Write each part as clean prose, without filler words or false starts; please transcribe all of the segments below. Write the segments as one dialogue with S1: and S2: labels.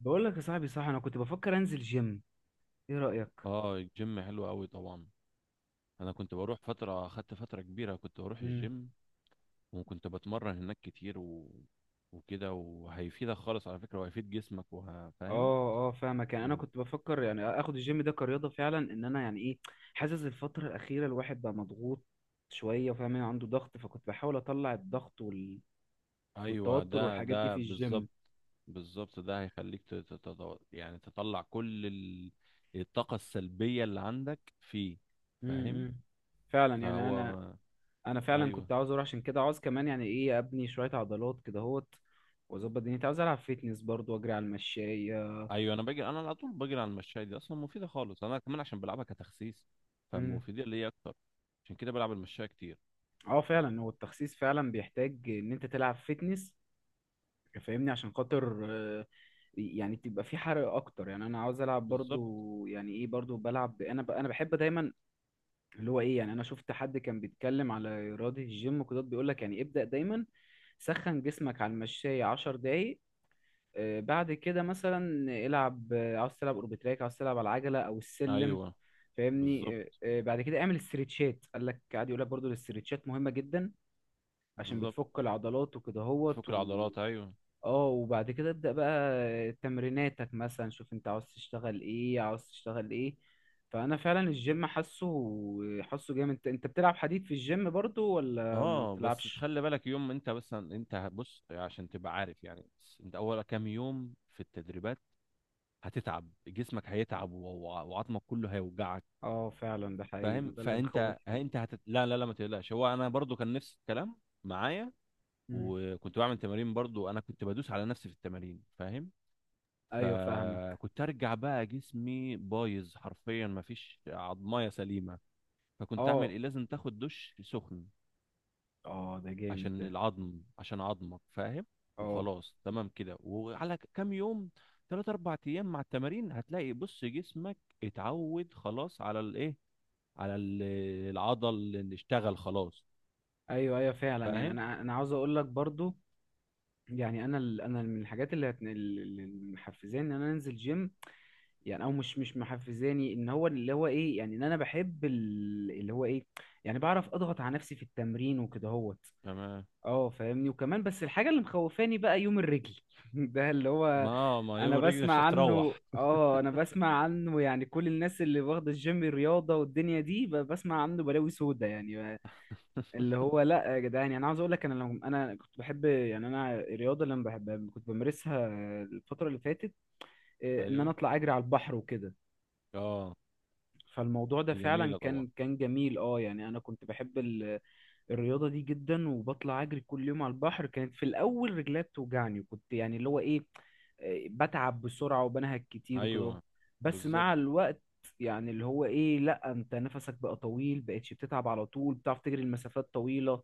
S1: بقول لك يا صاحبي، صح، انا كنت بفكر انزل جيم. ايه رأيك؟
S2: اه، الجيم حلو قوي طبعا. انا كنت بروح فتره، اخدت فتره كبيره كنت بروح
S1: امم
S2: الجيم، وكنت بتمرن هناك كتير وكده، وهيفيدك خالص على فكره، وهيفيد جسمك، وهفهم.
S1: اه، فاهمك. يعني انا
S2: و...
S1: كنت بفكر يعني اخد الجيم ده كرياضة فعلا. ان انا يعني ايه، حاسس الفترة الأخيرة الواحد بقى مضغوط شوية، وفاهم يعني عنده ضغط، فكنت بحاول اطلع الضغط
S2: ايوه،
S1: والتوتر
S2: ده
S1: والحاجات دي
S2: ده
S1: في
S2: بالظبط.
S1: الجيم.
S2: بالظبط، ده هيخليك يعني تطلع كل الطاقه السلبيه اللي عندك فيه. فاهم.
S1: امم فعلا. يعني انا
S2: فهو
S1: انا فعلا
S2: ايوه
S1: كنت عاوز اروح عشان كده. عاوز كمان يعني ايه ابني شوية عضلات كده اهوت، واظبط دنيتي. عاوز العب فيتنس برضو واجري على المشاية.
S2: ايوه. انا بجري، انا على طول بجري على المشاية دي، اصلا مفيده خالص انا كمان عشان بلعبها كتخسيس،
S1: امم
S2: فمفيده ليا اكتر. عشان كده بلعب المشاية كتير.
S1: اه فعلا، هو التخسيس فعلا بيحتاج ان انت تلعب فيتنس، فاهمني، عشان خاطر يعني تبقى في حرق اكتر. يعني انا عاوز العب
S2: بالظبط.
S1: برضو، يعني ايه، برضو بلعب انا انا بحب دايما اللي هو ايه، يعني انا شفت حد كان بيتكلم على رياضة الجيم وكده، بيقول لك يعني ابدأ دايما سخن جسمك على المشاية 10 دقايق، بعد كده مثلا العب، عاوز تلعب اوربتراك، عاوز تلعب على العجلة او السلم،
S2: ايوه
S1: فاهمني.
S2: بالظبط.
S1: بعد كده اعمل استريتشات. قال لك قاعد يقول لك برضو الاستريتشات مهمة جدا، عشان
S2: بالظبط،
S1: بتفك العضلات وكده هوت
S2: فك العضلات، ايوه.
S1: اه. وبعد كده ابدأ بقى تمريناتك، مثلا شوف انت عاوز تشتغل ايه، عاوز تشتغل ايه. فانا فعلا الجيم حاسه جامد. انت بتلعب حديد في الجيم برضو، ولا ما
S2: اه بس
S1: بتلعبش؟
S2: تخلي بالك يوم، انت بس، انت بص عشان تبقى عارف، يعني بس انت اول كام يوم في التدريبات هتتعب جسمك، هيتعب وعظمك كله هيوجعك.
S1: اه فعلا، ده حقيقي، ما
S2: فاهم.
S1: ده اللي
S2: فانت
S1: مخوفني.
S2: انت لا لا لا، ما تقلقش، هو انا برضو كان نفس الكلام معايا.
S1: مم.
S2: وكنت بعمل تمارين برضو، انا كنت بدوس على نفسي في التمارين، فاهم.
S1: ايوه فاهمك.
S2: فكنت ارجع بقى جسمي بايظ حرفيا، مفيش عظمايه سليمه. فكنت اعمل
S1: اه،
S2: ايه؟ لازم تاخد دش سخن
S1: اه، ده جامد
S2: عشان
S1: ده.
S2: العظم، عشان عظمك، فاهم.
S1: اه،
S2: وخلاص تمام كده. وعلى كام يوم، تلات اربع ايام مع التمارين، هتلاقي بص جسمك اتعود خلاص على الايه، على العضل اللي اشتغل خلاص.
S1: ايوه، ايوه، فعلا. يعني
S2: فاهم.
S1: انا عاوز اقول لك برضو، يعني انا انا من الحاجات اللي محفزاني ان انا انزل جيم، يعني. او مش محفزاني ان هو اللي هو ايه، يعني ان انا بحب اللي هو ايه، يعني بعرف اضغط على نفسي في التمرين وكده هوت،
S2: تمام.
S1: اه، فاهمني. وكمان بس الحاجه اللي مخوفاني بقى يوم الرجل ده اللي هو،
S2: ما
S1: انا
S2: يوم الرجل مش
S1: بسمع عنه.
S2: هتروح.
S1: اه انا بسمع عنه، يعني كل الناس اللي واخده الجيم رياضه والدنيا دي بسمع عنه بلاوي سودا، يعني اللي هو. لا يا جدعان، يعني انا عاوز اقول لك، انا لو انا كنت بحب، يعني انا الرياضه اللي انا بحب كنت بمارسها الفتره اللي فاتت. ان انا
S2: ايوه.
S1: اطلع اجري على البحر وكده.
S2: اه،
S1: فالموضوع ده
S2: دي
S1: فعلا
S2: جميلة طبعا.
S1: كان جميل. اه يعني انا كنت بحب الرياضه دي جدا، وبطلع اجري كل يوم على البحر. كانت في الاول رجلي بتوجعني، وكنت يعني اللي هو ايه، بتعب بسرعه وبنهج كتير وكده.
S2: ايوه
S1: بس
S2: بالظبط.
S1: مع الوقت يعني اللي هو ايه، لا، انت نفسك بقى طويل، بقتش بتتعب على طول، بتعرف تجري المسافات طويله.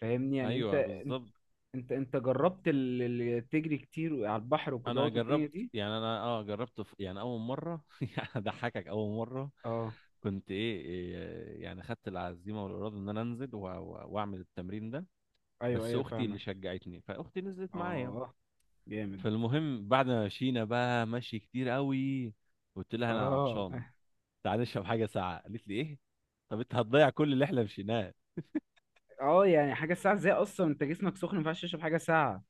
S1: فاهمني، يعني انت.
S2: ايوه
S1: انت
S2: بالظبط.
S1: انت جربت تجري كتير على البحر وكده
S2: انا
S1: والدنيا
S2: جربت،
S1: دي؟
S2: يعني انا اه جربت في، يعني اول مرة يعني اضحكك. اول مرة
S1: اه،
S2: كنت ايه، إيه، يعني خدت العزيمة والإرادة ان انا انزل واعمل التمرين ده.
S1: ايوه،
S2: بس
S1: ايوه،
S2: اختي اللي
S1: فاهمك.
S2: شجعتني، فاختي نزلت معايا.
S1: اه جامد.
S2: فالمهم بعد ما مشينا بقى مشي كتير قوي، قلت لها انا
S1: اه
S2: عطشان، تعالى نشرب حاجة ساقعة. قالت لي ايه؟ طب انت هتضيع كل اللي احنا مشيناه؟
S1: اه يعني حاجه ساعه ازاي؟ اصلا انت جسمك سخن، ما ينفعش تشرب حاجه ساعه.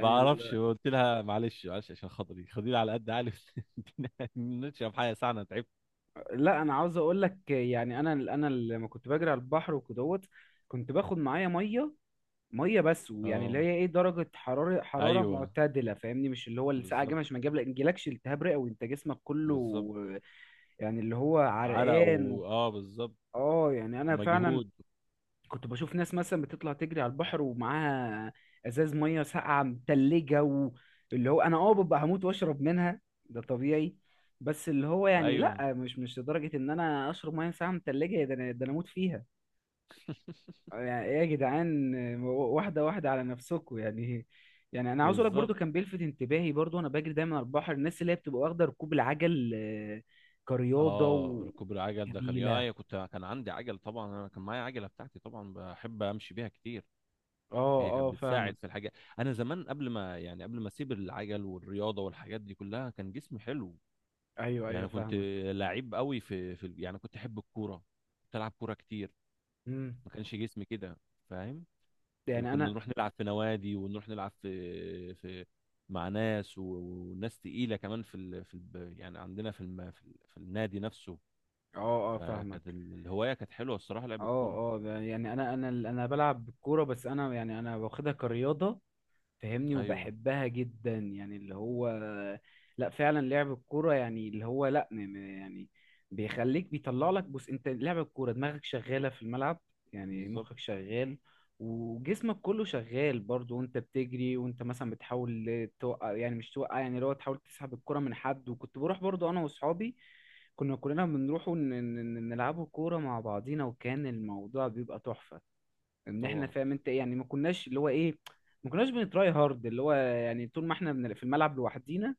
S2: ما اعرفش، قلت لها معلش معلش عشان خاطري، خديني على قد عقلي. نشرب حاجه ساعه، انا تعبت.
S1: لا انا عاوز اقول لك، يعني انا لما كنت بجري على البحر وكدهوت، كنت باخد معايا ميه. بس، ويعني
S2: اه.
S1: اللي هي ايه، درجه حراره
S2: ايوه
S1: معتدله، فاهمني، مش اللي هو الساعه جامد،
S2: بالظبط.
S1: عشان ما يجيلكش التهاب رئوي، انت جسمك
S2: بالظبط،
S1: كله يعني اللي هو
S2: عرق،
S1: عرقان
S2: و اه بالظبط،
S1: اه. يعني انا فعلا
S2: مجهود.
S1: كنت بشوف ناس مثلا بتطلع تجري على البحر ومعاها ازاز ميه ساقعه متلجه، واللي هو انا، اه، ببقى هموت واشرب منها، ده طبيعي. بس اللي هو يعني
S2: ايوه.
S1: لا، مش لدرجه ان انا اشرب ميه ساقعه متلجه، ده انا ده انا اموت فيها. يعني ايه يا جدعان؟ واحده واحده على نفسكم يعني. يعني انا عاوز اقول لك
S2: بالظبب.
S1: برضو، كان بيلفت انتباهي برضو، وانا بجري دايما على البحر، الناس اللي هي بتبقى واخده ركوب العجل كرياضه
S2: اه، ركوب العجل ده كان،
S1: جميلة.
S2: يا كنت، كان عندي عجل طبعا، انا كان معايا عجله بتاعتي طبعا، بحب امشي بيها كتير.
S1: اه،
S2: هي كانت
S1: اه، فاهمك.
S2: بتساعد في الحاجات. انا زمان قبل ما، يعني قبل ما اسيب العجل والرياضه والحاجات دي كلها، كان جسمي حلو،
S1: ايوه، ايوه،
S2: يعني كنت
S1: فاهمك.
S2: لعيب قوي في يعني كنت احب الكوره، كنت العب كوره كتير،
S1: امم
S2: ما كانش جسمي كده، فاهم.
S1: يعني
S2: وكنا
S1: انا،
S2: نروح نلعب في نوادي، ونروح نلعب في مع ناس وناس تقيله كمان يعني عندنا في النادي نفسه.
S1: اه، اه، فاهمك.
S2: فكانت الهوايه كانت حلوه الصراحه، لعب الكوره.
S1: اه، اه، ده يعني انا بلعب كوره، بس انا يعني انا واخدها كرياضه، فاهمني،
S2: ايوه.
S1: وبحبها جدا. يعني اللي هو، لا فعلا لعب الكوره، يعني اللي هو لا، يعني بيخليك بيطلع لك. بص، انت لعب الكوره دماغك شغاله في الملعب، يعني
S2: بالظبط.
S1: مخك شغال، وجسمك كله شغال برضو، وانت بتجري وانت مثلا بتحاول توقع، يعني مش توقع، يعني اللي هو تحاول تسحب الكرة من حد. وكنت بروح برضو انا واصحابي، كنا كلنا بنروحوا نلعبوا كورة مع بعضينا، وكان الموضوع بيبقى تحفة، ان احنا
S2: طبعا.
S1: فاهم انت ايه، يعني ما كناش اللي هو ايه، ما كناش بنتراي هارد اللي هو، يعني طول ما احنا في الملعب لوحدينا،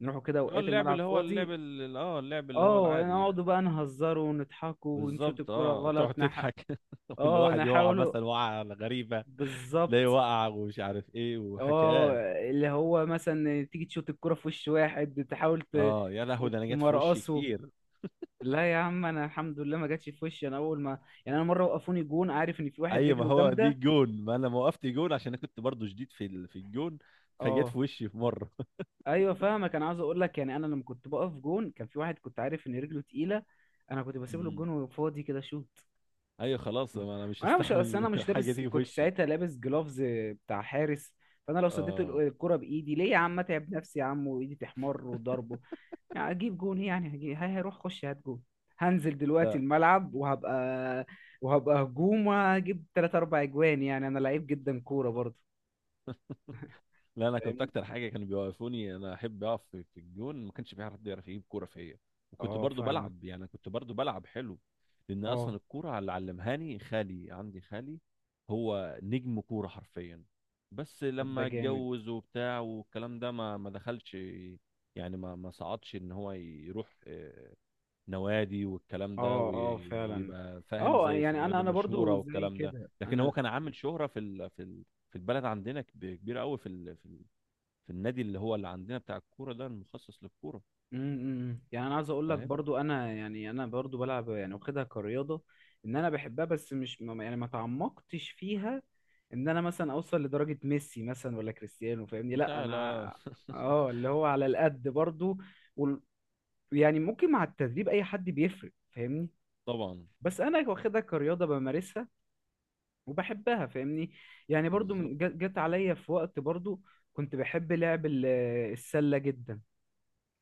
S1: نروحوا كده
S2: اه،
S1: اوقات
S2: اللعب
S1: الملعب
S2: اللي هو اللعب
S1: فاضي،
S2: اللي اه اللعب اللي هو
S1: اه،
S2: العادي يعني.
S1: نقعدوا بقى نهزروا ونضحكوا ونشوط
S2: بالظبط،
S1: الكرة
S2: اه تقعد
S1: غلط
S2: تضحك.
S1: اه،
S2: والواحد يقع
S1: نحاولوا.
S2: مثلا وقعه غريبه، ليه
S1: بالظبط.
S2: وقع، ومش عارف ايه،
S1: اه
S2: وحكايات.
S1: اللي هو مثلا تيجي تشوط الكرة في وش واحد، تحاول
S2: اه يا لهوي، ده انا جت في وشي
S1: تمرقصه.
S2: كتير.
S1: لا يا عم، انا الحمد لله ما جاتش في وشي. انا اول ما، يعني انا مره وقفوني جون، عارف ان في واحد
S2: اي، ما
S1: رجله
S2: هو دي
S1: جامده.
S2: جون، ما انا ما وقفت جون عشان انا كنت برضو جديد في الجون، فجت
S1: اه،
S2: في وشي في مره.
S1: ايوه، فاهمك. انا عاوز اقول لك، يعني انا لما كنت بقف جون، كان في واحد كنت عارف ان رجله تقيله، انا كنت بسيب له
S2: امم.
S1: الجون وفاضي كده شوت.
S2: ايوه خلاص، ما انا مش
S1: انا مش اصل انا
S2: هستحمل
S1: مش
S2: حاجه
S1: لابس،
S2: تيجي في
S1: كنت
S2: وشي.
S1: ساعتها لابس جلوفز بتاع حارس. فانا لو صديت
S2: اه.
S1: الكرة بايدي، ليه يا عم اتعب نفسي يا عم وايدي تحمر وضربه؟ يعني اجيب جون، يعني، هجيب هي هيروح خش هات جون. هنزل دلوقتي
S2: لا
S1: الملعب وهبقى هجوم، وهجيب تلات اربع اجوان، يعني انا لعيب جدا كورة برضه.
S2: لا، انا كنت
S1: فاهمني.
S2: اكتر حاجه كانوا بيوقفوني، انا احب اقف في الجون، ما كانش في حد يعرف يجيب كوره فيا. وكنت
S1: اه
S2: برضو
S1: فاهمك.
S2: بلعب، يعني كنت برضو بلعب حلو، لان
S1: اه.
S2: اصلا الكوره اللي علمهاني خالي، عندي خالي هو نجم كوره حرفيا. بس
S1: طب ده
S2: لما
S1: جامد.
S2: اتجوز وبتاع والكلام ده ما دخلش، يعني ما صعدش ان هو يروح نوادي والكلام ده،
S1: اه، اه فعلا.
S2: ويبقى فاهم
S1: اه
S2: زي في
S1: يعني انا
S2: النوادي
S1: انا
S2: المشهوره
S1: برضو زي
S2: والكلام ده.
S1: كده
S2: لكن هو
S1: انا،
S2: كان عامل شهره في البلد عندنا كبيره قوي في ال- في في النادي اللي هو اللي عندنا بتاع الكوره ده، المخصص للكوره.
S1: م- يعني انا عايز اقول لك
S2: فاهم
S1: برضو، انا يعني انا برضو بلعب، يعني واخدها كرياضه، ان انا بحبها. بس مش يعني ما تعمقتش فيها، ان انا مثلا اوصل لدرجه ميسي مثلا ولا كريستيانو، فاهمني.
S2: انت.
S1: لا
S2: لا.
S1: انا، اه، اللي هو على القد برضو. وال- يعني ممكن مع التدريب اي حد بيفرق، فاهمني.
S2: طبعا.
S1: بس انا واخدها كرياضه بمارسها، وبحبها، فاهمني. يعني برضو
S2: بالظبط.
S1: جت عليا في وقت برضو كنت بحب لعب السلة جدا.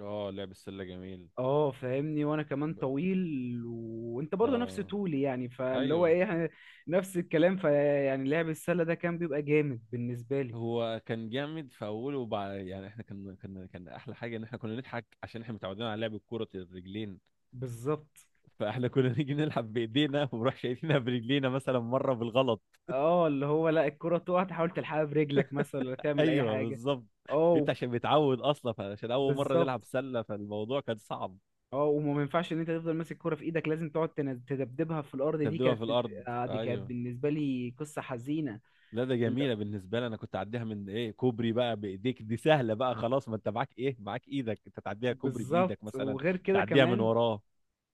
S2: اه، لعب السله جميل.
S1: اه، فاهمني. وانا كمان
S2: ب...
S1: طويل، وانت برضو نفس
S2: اه
S1: طولي، يعني فاللي هو
S2: ايوه.
S1: ايه نفس الكلام. فيعني لعب السلة ده كان بيبقى جامد بالنسبة لي.
S2: هو كان جامد في اوله، وبعد يعني احنا كان احلى حاجه ان احنا كنا نضحك عشان احنا متعودين على لعب الكوره الرجلين،
S1: بالظبط.
S2: فاحنا كنا نيجي نلعب بايدينا ونروح شايفينها برجلينا مثلا مره بالغلط.
S1: اه اللي هو، لا الكرة تقع تحاول تلحقها برجلك مثلا، ولا تعمل اي
S2: ايوه
S1: حاجة.
S2: بالظبط.
S1: اه
S2: انت عشان متعود اصلا، عشان اول مره
S1: بالظبط.
S2: نلعب سله فالموضوع كان صعب.
S1: اه وما ما ينفعش ان انت تفضل ماسك كرة في ايدك، لازم تقعد تدبدبها في الارض. دي
S2: تبدوها
S1: كانت
S2: في الارض،
S1: دي كانت
S2: ايوه.
S1: بالنسبة لي قصة حزينة.
S2: لا، ده
S1: ال-
S2: جميله بالنسبه لي، انا كنت اعديها من ايه، كوبري بقى بايديك، دي سهله بقى خلاص. ما انت معاك ايه؟ معاك ايدك انت، تعديها كوبري بايدك
S1: بالظبط.
S2: مثلا،
S1: وغير كده
S2: تعديها من
S1: كمان،
S2: وراه.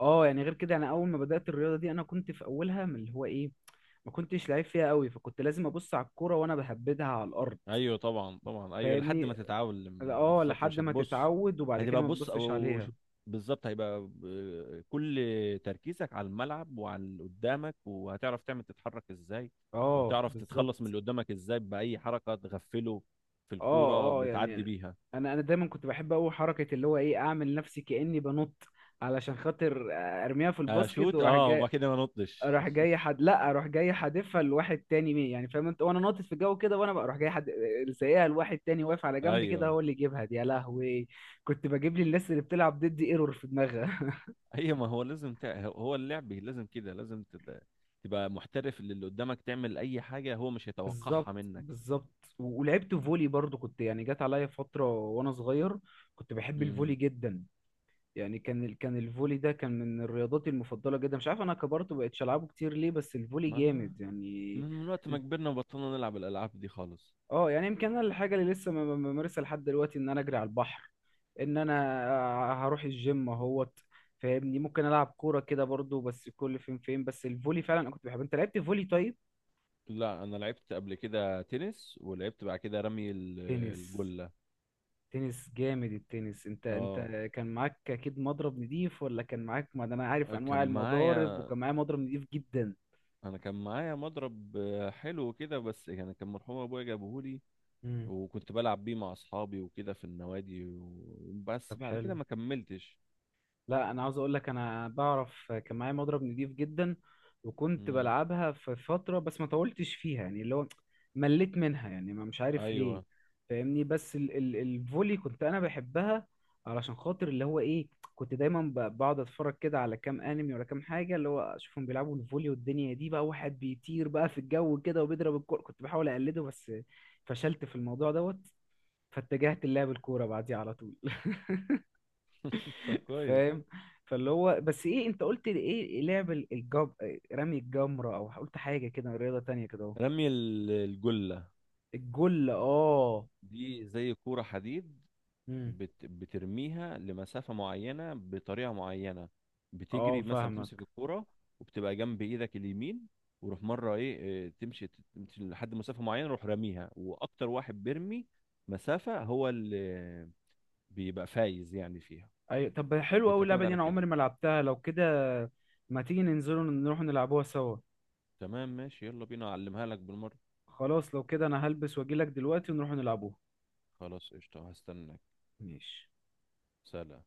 S1: اه يعني غير كده، انا اول ما بدأت الرياضة دي، انا كنت في اولها من اللي هو ايه، ما كنتش لعيب فيها قوي، فكنت لازم ابص على الكرة وانا بهبدها على الارض،
S2: ايوه طبعا طبعا ايوه، لحد ما
S1: فاهمني.
S2: تتعلم
S1: اه
S2: بالظبط
S1: لحد
S2: مش
S1: ما
S2: هتبص.
S1: تتعود، وبعد كده
S2: هتبقى
S1: ما
S2: بص
S1: تبصش عليها.
S2: بالظبط، هيبقى كل تركيزك على الملعب وعلى اللي قدامك، وهتعرف تعمل تتحرك ازاي،
S1: اه
S2: وتعرف
S1: بالظبط.
S2: تتخلص من اللي قدامك ازاي، باي حركه تغفله في الكوره
S1: اه، اه، يعني
S2: بتعدي بيها.
S1: انا دايما كنت بحب قوي حركه اللي هو ايه اعمل نفسي كاني بنط، علشان خاطر ارميها في الباسكت،
S2: اشوت،
S1: وراح
S2: اه
S1: جاي،
S2: وبعد كده ما نطش.
S1: راح جاي حد، لا اروح جاي حادفها لواحد تاني مين، يعني فاهم انت، وانا ناطط في الجو كده، وانا بقى اروح جاي حد سايقها لواحد تاني واقف على جنب كده
S2: ايوه.
S1: هو اللي يجيبها دي. يا لهوي، كنت بجيب لي الناس اللي بتلعب ضدي ايرور في دماغها
S2: هي، ما هو لازم هو اللعب لازم كده، لازم تبقى محترف. اللي اللي قدامك تعمل اي حاجه هو مش هيتوقعها
S1: بالظبط.
S2: منك.
S1: بالظبط. ولعبت فولي برضو. كنت يعني جت عليا فتره وانا صغير كنت بحب الفولي
S2: امم.
S1: جدا. يعني كان كان الفولي ده كان من الرياضات المفضلة جدا. مش عارف انا كبرت وبقتش العبه كتير ليه، بس الفولي
S2: ما
S1: جامد يعني.
S2: من وقت ما
S1: إنت-
S2: كبرنا وبطلنا نلعب الالعاب دي خالص.
S1: اه، يعني يمكن انا الحاجة اللي لسه بمارسها لحد دلوقتي ان انا اجري على البحر، ان انا هروح الجيم اهوت، فاهمني. ممكن العب كورة كده برضو، بس كل فين فين. بس الفولي فعلا انا كنت بحب. انت لعبت فولي؟ طيب.
S2: لا، انا لعبت قبل كده تنس، ولعبت بعد كده رمي
S1: تنس،
S2: الجلة.
S1: تنس جامد التنس. انت
S2: اه،
S1: كان معاك اكيد مضرب نضيف، ولا كان معاك، ما ده انا عارف
S2: كان
S1: انواع المضارب،
S2: معايا،
S1: وكان معايا مضرب نضيف جدا.
S2: انا كان معايا مضرب حلو كده، بس يعني كان مرحوم ابويا جابهولي،
S1: مم.
S2: وكنت بلعب بيه مع اصحابي وكده في النوادي
S1: طب
S2: بس بعد
S1: حلو.
S2: كده ما كملتش.
S1: لا انا عاوز اقول لك، انا بعرف كان معايا مضرب نضيف جدا، وكنت
S2: امم.
S1: بلعبها في فتره، بس ما طولتش فيها، يعني اللي هو مليت منها يعني، ما مش عارف ليه،
S2: ايوه.
S1: فاهمني. بس ال الفولي كنت انا بحبها، علشان خاطر اللي هو ايه، كنت دايما بقعد اتفرج كده على كام انمي ولا كام حاجه اللي هو اشوفهم بيلعبوا الفولي والدنيا دي بقى، واحد بيطير بقى في الجو كده وبيضرب الكوره، كنت بحاول اقلده، بس فشلت في الموضوع دوت، فاتجهت للعب الكوره بعديها على طول
S2: طب كويس.
S1: فاهم. فاللي هو بس ايه، انت قلت لي ايه، لعب الجب، رمي الجمرة، او قلت حاجة كده رياضة تانية كده اهو؟
S2: رمي الجلة
S1: الجل، اه.
S2: دي زي كورة حديد،
S1: امم
S2: بترميها لمسافة معينة بطريقة معينة.
S1: اه
S2: بتجري مثلا بتمسك
S1: فاهمك.
S2: الكورة، وبتبقى جنب ايدك اليمين، وروح مرة ايه، إيه، تمشي تمشي لحد مسافة معينة، روح راميها، واكتر واحد بيرمي مسافة هو اللي بيبقى فايز يعني فيها.
S1: ايوه طب حلو
S2: هي
S1: قوي اللعبة
S2: بتعتمد
S1: دي،
S2: على
S1: انا عمري
S2: كده.
S1: ما لعبتها. لو كده ما تيجي ننزلوا نروح نلعبوها سوا؟
S2: تمام ماشي، يلا بينا اعلمها لك بالمرة.
S1: خلاص لو كده انا هلبس واجيلك دلوقتي ونروح نلعبوها.
S2: خلاص قشطة، هستناك.
S1: ماشي.
S2: سلام.